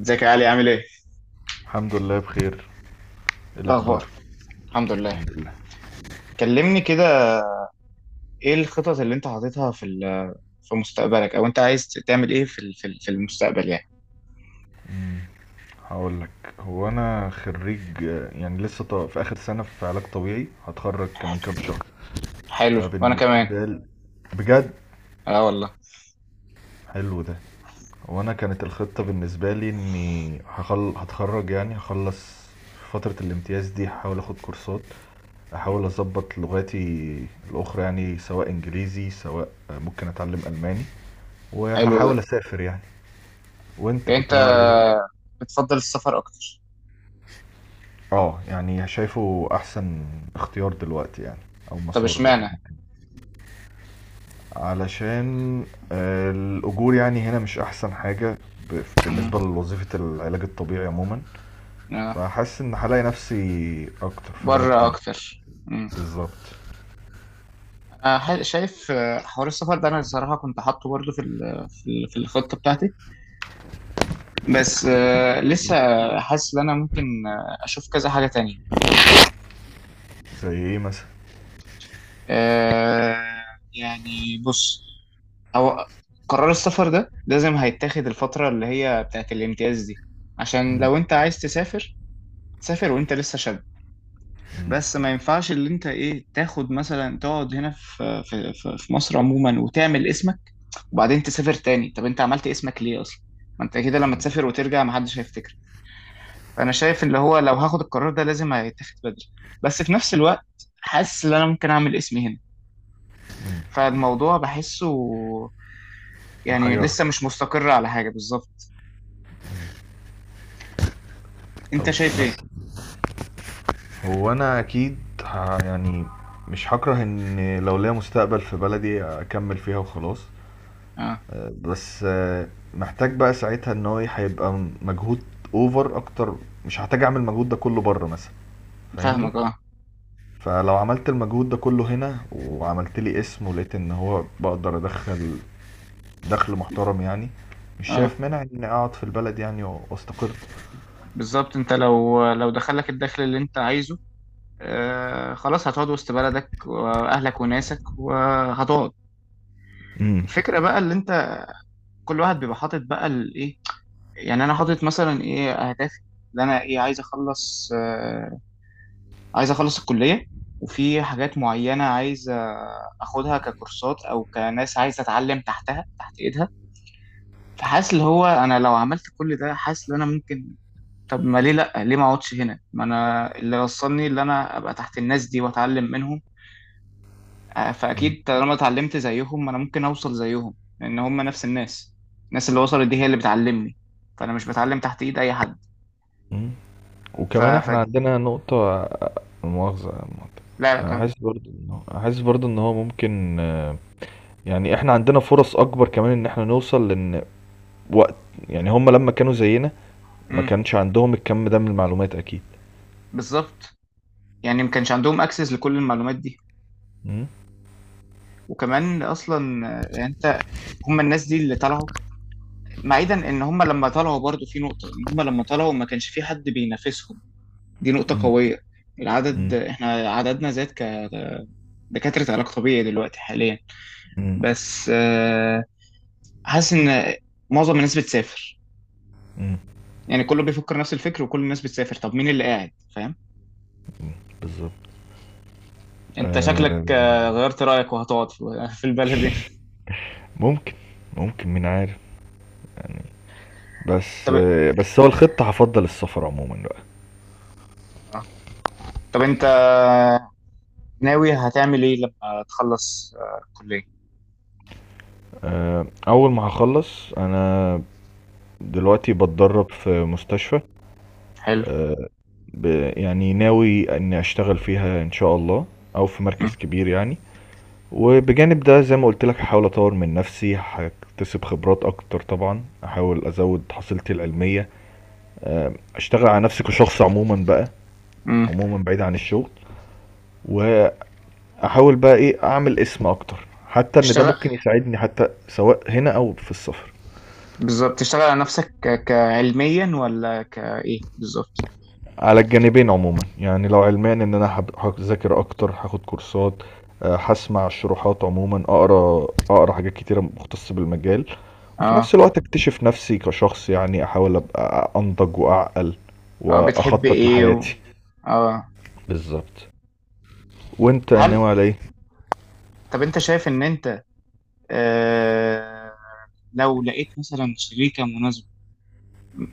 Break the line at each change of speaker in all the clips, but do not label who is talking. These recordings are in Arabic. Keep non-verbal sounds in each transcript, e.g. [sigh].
ازيك يا علي؟ عامل ايه؟
الحمد لله بخير. ايه
ايه اخبار؟
الاخبار؟
الحمد لله.
الحمد لله.
كلمني كده. ايه الخطط اللي انت حاططها في مستقبلك، او انت عايز تعمل ايه في المستقبل يعني؟
هقول لك، هو انا خريج، يعني لسه في اخر سنه في علاج طبيعي، هتخرج كمان كام شهر.
حلو، وانا كمان.
فبالنسبه لي، بجد
اه والله.
حلو ده. هو انا كانت الخطه بالنسبه لي اني هتخرج يعني هخلص فتره الامتياز دي، هحاول اخد كورسات، احاول
مم.
اظبط لغاتي الاخرى، يعني سواء انجليزي سواء ممكن اتعلم الماني،
حلو ده.
وهحاول اسافر يعني. وانت
يعني
كنت
انت
ناوي على ايه؟
بتفضل السفر اكتر؟
اه يعني شايفه احسن اختيار دلوقتي يعني، او
طب
مسار الواحد
اشمعنى؟
ممكن، علشان الاجور يعني هنا مش احسن حاجة،
مم.
بالنسبة لوظيفة العلاج الطبيعي عموما.
اه،
فحاسس ان هلاقي نفسي اكتر في بلد
بره
تانية.
اكتر.
بالظبط.
انا شايف، حوار السفر ده انا الصراحه كنت حاطه برضه في الخطه بتاعتي. بس، لسه حاسس ان انا ممكن، اشوف كذا حاجه تانية.
زي ايه مثلا؟
آه يعني بص، هو قرار السفر ده لازم هيتاخد الفترة اللي هي بتاعت الامتياز دي، عشان
مم.
لو انت عايز تسافر، سافر وانت لسه شاب.
مم.
بس ما ينفعش اللي انت ايه تاخد مثلا، تقعد هنا في مصر عموما وتعمل اسمك وبعدين تسافر تاني. طب انت عملت اسمك ليه اصلا؟ ما انت كده لما تسافر وترجع محدش هيفتكر. فانا شايف اللي هو لو هاخد القرار ده لازم هيتاخد بدري. بس في نفس الوقت، حاسس ان انا ممكن اعمل اسمي هنا. فالموضوع بحسه يعني
محيرك.
لسه مش مستقر على حاجة بالظبط.
طب
انت شايف ايه؟
مثلا، هو انا اكيد يعني مش هكره ان لو ليا مستقبل في بلدي اكمل فيها وخلاص.
اه.
بس محتاج بقى ساعتها ان هو هيبقى مجهود اوفر اكتر، مش هحتاج اعمل المجهود ده كله بره مثلا، فاهمني؟
فاهمك، اه.
فلو عملت المجهود ده كله هنا وعملت لي اسم ولقيت ان هو بقدر ادخل دخل محترم يعني، مش
اه
شايف مانع اني اقعد في البلد يعني واستقر.
بالظبط، انت لو دخلك الدخل اللي انت عايزه، آه خلاص هتقعد وسط بلدك واهلك وناسك وهتقعد.
امم.
الفكرة بقى اللي انت، كل واحد بيبقى حاطط بقى الايه، يعني انا حاطط مثلا ايه اهدافي، اللي انا ايه عايز اخلص، آه عايز اخلص الكلية، وفي حاجات معينة عايز اخدها ككورسات او كناس عايز اتعلم تحتها تحت ايدها. فحاسس اللي هو انا لو عملت كل ده حاسس ان انا ممكن، طب ما ليه لا، ليه ما اقعدش هنا؟ ما انا اللي وصلني اللي انا ابقى تحت الناس دي واتعلم منهم. فاكيد طالما اتعلمت زيهم انا ممكن اوصل زيهم، لان هم نفس الناس. الناس اللي وصلت دي هي اللي بتعلمني، فانا مش بتعلم تحت ايد اي حد.
امم.
ف...
وكمان
ف...
احنا عندنا نقطة مؤاخذة يا مهندس.
لا لا، كان
احس برضو انه، احس برضو ان هو ممكن يعني احنا عندنا فرص اكبر كمان ان احنا نوصل وقت، يعني هم لما كانوا زينا ما
امم
كانش عندهم الكم ده من المعلومات اكيد.
بالظبط. يعني ما كانش عندهم اكسس لكل المعلومات دي.
مم.
وكمان اصلا، يعني انت، هم الناس دي اللي طلعوا، بعيدا ان هم لما طلعوا برضو في نقطة ان هم لما طلعوا ما كانش في حد بينافسهم. دي نقطة
مم.
قوية. العدد
مم.
احنا عددنا زاد كدكاترة علاج طبيعي دلوقتي حاليا.
مم.
بس، حاسس ان معظم الناس بتسافر،
مم.
يعني كله بيفكر نفس الفكر وكل الناس بتسافر، طب مين اللي قاعد فاهم؟
مم. بالظبط.
انت شكلك،
آه،
غيرت رأيك وهتقعد في [laughs] في البلد هنا؟
ممكن، ممكن مين عارف. بس
طب
آه بس هو الخطة هفضل السفر عموما بقى.
آه. طب انت ناوي هتعمل ايه لما تخلص، الكلية؟
آه اول ما هخلص انا دلوقتي بتدرب في مستشفى.
حلو.
آه، ب يعني ناوي اني اشتغل فيها ان شاء الله، او في
مم.
مركز كبير يعني. وبجانب ده زي ما قلت لك هحاول اطور من نفسي، هكتسب خبرات اكتر، طبعا احاول ازود حصيلتي العلميه، اشتغل على نفسي كشخص عموما بقى،
مم.
عموما بعيد عن الشغل. واحاول بقى ايه اعمل اسم اكتر حتى ان ده
تشتغل،
ممكن يساعدني حتى سواء هنا او في السفر.
بالظبط تشتغل على نفسك كعلميا ولا كايه بالظبط؟
على الجانبين عموما يعني، لو علمان ان انا هذاكر اكتر، هاخد كورسات، هسمع الشروحات عموما، اقرا حاجات كتيره مختصه بالمجال. وفي
اه.
نفس الوقت اكتشف نفسي كشخص يعني، احاول ابقى انضج واعقل
اه بتحب
واخطط
ايه
لحياتي.
اه.
بالظبط. وانت
هل
ناوي على ايه؟
طب انت شايف ان انت، آه لو لقيت مثلا شريكة مناسبة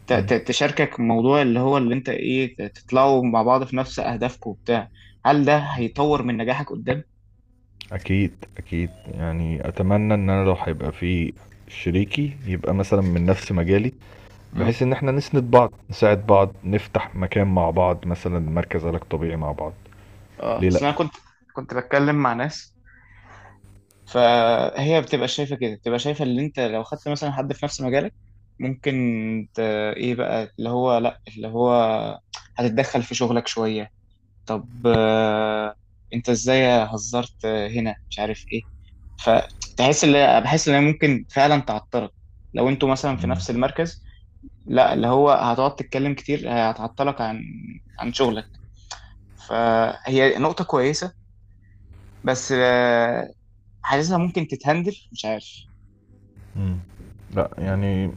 مم.
تشاركك موضوع اللي هو اللي انت ايه، تطلعوا مع بعض في نفس اهدافكم وبتاع، هل ده هيطور من نجاحك قدام؟
اكيد اكيد، يعني اتمنى ان انا لو هيبقى في شريكي يبقى مثلا من نفس مجالي،
امم.
بحيث ان احنا نسند بعض، نساعد بعض، نفتح مكان مع بعض مثلا، مركز علاج طبيعي مع بعض.
اه
ليه لا.
اصل انا كنت بتكلم مع ناس، فهي بتبقى شايفة كده، بتبقى شايفة اللي انت لو خدت مثلا حد في نفس مجالك ممكن ت... ايه بقى اللي هو، لا اللي هو هتتدخل في شغلك شوية. طب، انت ازاي هزرت، هنا مش عارف ايه، فتحس اللي بحس ان هي ممكن فعلا تعطلك لو انتوا مثلا في
مم.
نفس المركز. لا اللي هو هتقعد تتكلم كتير، هتعطلك عن عن شغلك. فهي نقطة كويسة، بس، حاسسها ممكن تتهندل مش عارف.
مم. لا يعني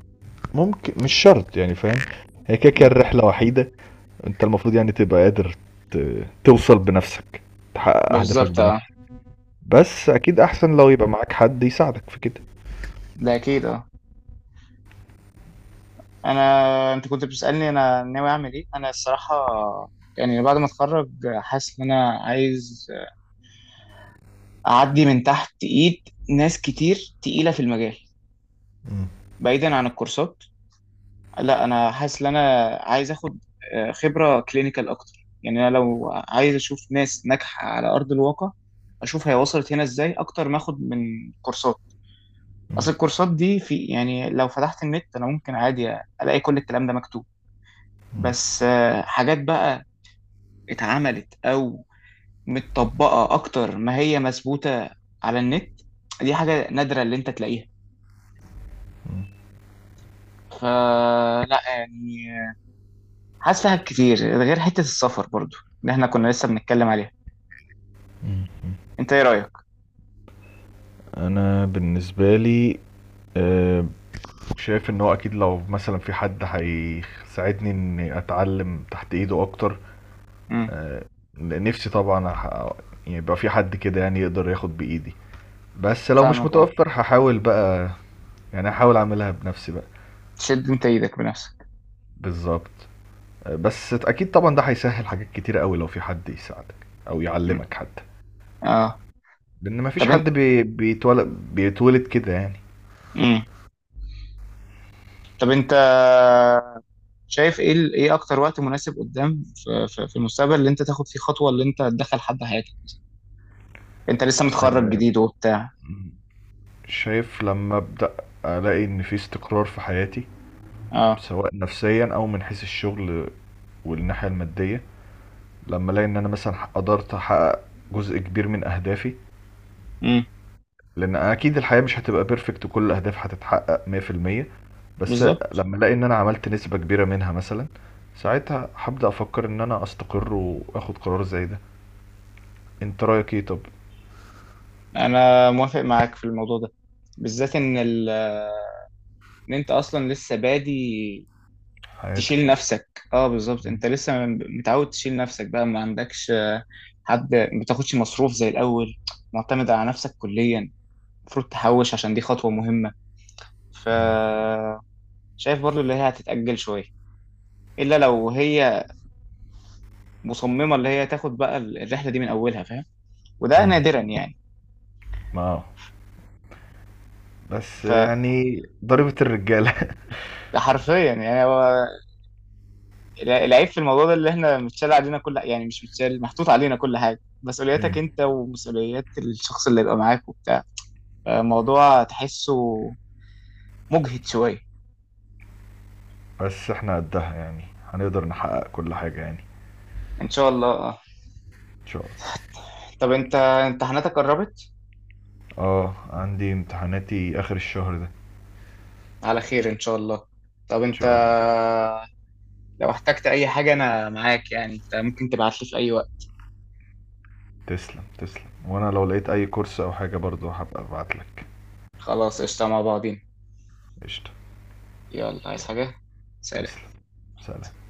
ممكن، مش شرط يعني، فاهم؟ هي كده كده
مم.
الرحله وحيده، انت المفروض يعني تبقى قادر توصل بنفسك، تحقق
ما
اهدافك
بالظبط، اه.
بنفسك. بس اكيد احسن لو يبقى معاك حد يساعدك في كده.
ده اكيد، اه. انا انت كنت بتسألني انا ناوي اعمل ايه، انا الصراحة يعني بعد ما اتخرج، حاسس ان انا عايز اعدي من تحت ايد ناس كتير تقيله في المجال.
مم.
بعيدا عن الكورسات، لا انا حاسس ان انا عايز اخد، خبره كلينيكال اكتر. يعني انا لو عايز اشوف ناس ناجحه على ارض الواقع، اشوف هي وصلت هنا ازاي اكتر ما اخد من كورسات.
مم.
اصل الكورسات دي في، يعني لو فتحت النت انا ممكن عادي الاقي كل الكلام ده مكتوب.
مم.
بس، حاجات بقى اتعملت او متطبقه اكتر ما هي مثبوته على النت، دي حاجه نادره اللي انت تلاقيها. فلا يعني، حاسس فيها كتير، غير حتة السفر برضو اللي احنا كنا لسه بنتكلم عليها.
مم.
انت ايه رأيك؟
انا بالنسبه لي آه، شايف ان هو اكيد لو مثلا في حد هيساعدني اني اتعلم تحت ايده اكتر،
امم.
آه، نفسي طبعا يعني يبقى في حد كده يعني يقدر ياخد بإيدي. بس لو مش
فاهمك، اه.
متوفر هحاول بقى، يعني هحاول اعملها بنفسي بقى.
تشد انت ايدك بنفسك.
بالظبط. بس اكيد طبعا ده هيسهل حاجات كتير قوي لو في حد يساعدك او
مم.
يعلمك حتى،
اه.
لان مفيش
طب انت،
حد بيتولد، بيتولد كده يعني.
امم، طب انت شايف ايه ايه اكتر وقت مناسب قدام في المستقبل اللي انت تاخد فيه خطوة اللي انت تدخل حد حياتك؟ انت لسه متخرج
آه،
جديد وبتاع.
شايف لما ابدا الاقي ان في استقرار في حياتي،
اه.
سواء نفسيا او من حيث الشغل والناحية المادية، لما الاقي ان انا مثلا قدرت احقق جزء كبير من اهدافي،
امم.
لان اكيد الحياة مش هتبقى بيرفكت وكل الاهداف هتتحقق 100%. بس
بالظبط.
لما الاقي ان انا عملت نسبة كبيرة منها مثلا، ساعتها هبدأ افكر ان انا استقر واخد قرار زي ده. انت رأيك ايه طب؟
انا موافق معاك في الموضوع ده، بالذات ان ان انت اصلا لسه بادي
حياتك.
تشيل نفسك، اه بالظبط.
مم.
انت لسه متعود تشيل نفسك بقى، ما عندكش، حد، ما بتاخدش مصروف زي الاول، معتمد على نفسك كليا، المفروض تحوش عشان دي خطوة مهمة. ف
مم.
شايف برضو اللي هي هتتأجل شوية، الا لو هي مصممة اللي هي تاخد بقى الرحلة دي من اولها، فاهم؟ وده
مم.
نادرا يعني.
ما بس
فحرفيا
يعني ضريبة الرجالة.
يعني هو العيب في الموضوع ده اللي احنا متشال علينا كل، يعني مش متشال، محطوط علينا كل حاجة،
[laughs]
مسؤولياتك
مم.
انت ومسؤوليات الشخص اللي يبقى معاك وبتاع. موضوع تحسه مجهد شوية.
بس احنا قدها يعني، هنقدر نحقق كل حاجة يعني.
إن شاء الله آه.
ان شاء الله.
طب أنت امتحاناتك قربت؟
اه، عندي امتحاناتي اخر الشهر ده.
على خير إن شاء الله. طب
ان
أنت
شاء الله.
لو احتجت أي حاجة أنا معاك، يعني أنت ممكن تبعتلي في أي وقت.
تسلم، وانا لو لقيت اي كورس او حاجة برضو هبقى ابعتلك.
خلاص، قشطة مع بعضين.
قشطة.
يلا، عايز
يلا.
حاجة؟
تسلم.
سلام.
سلام.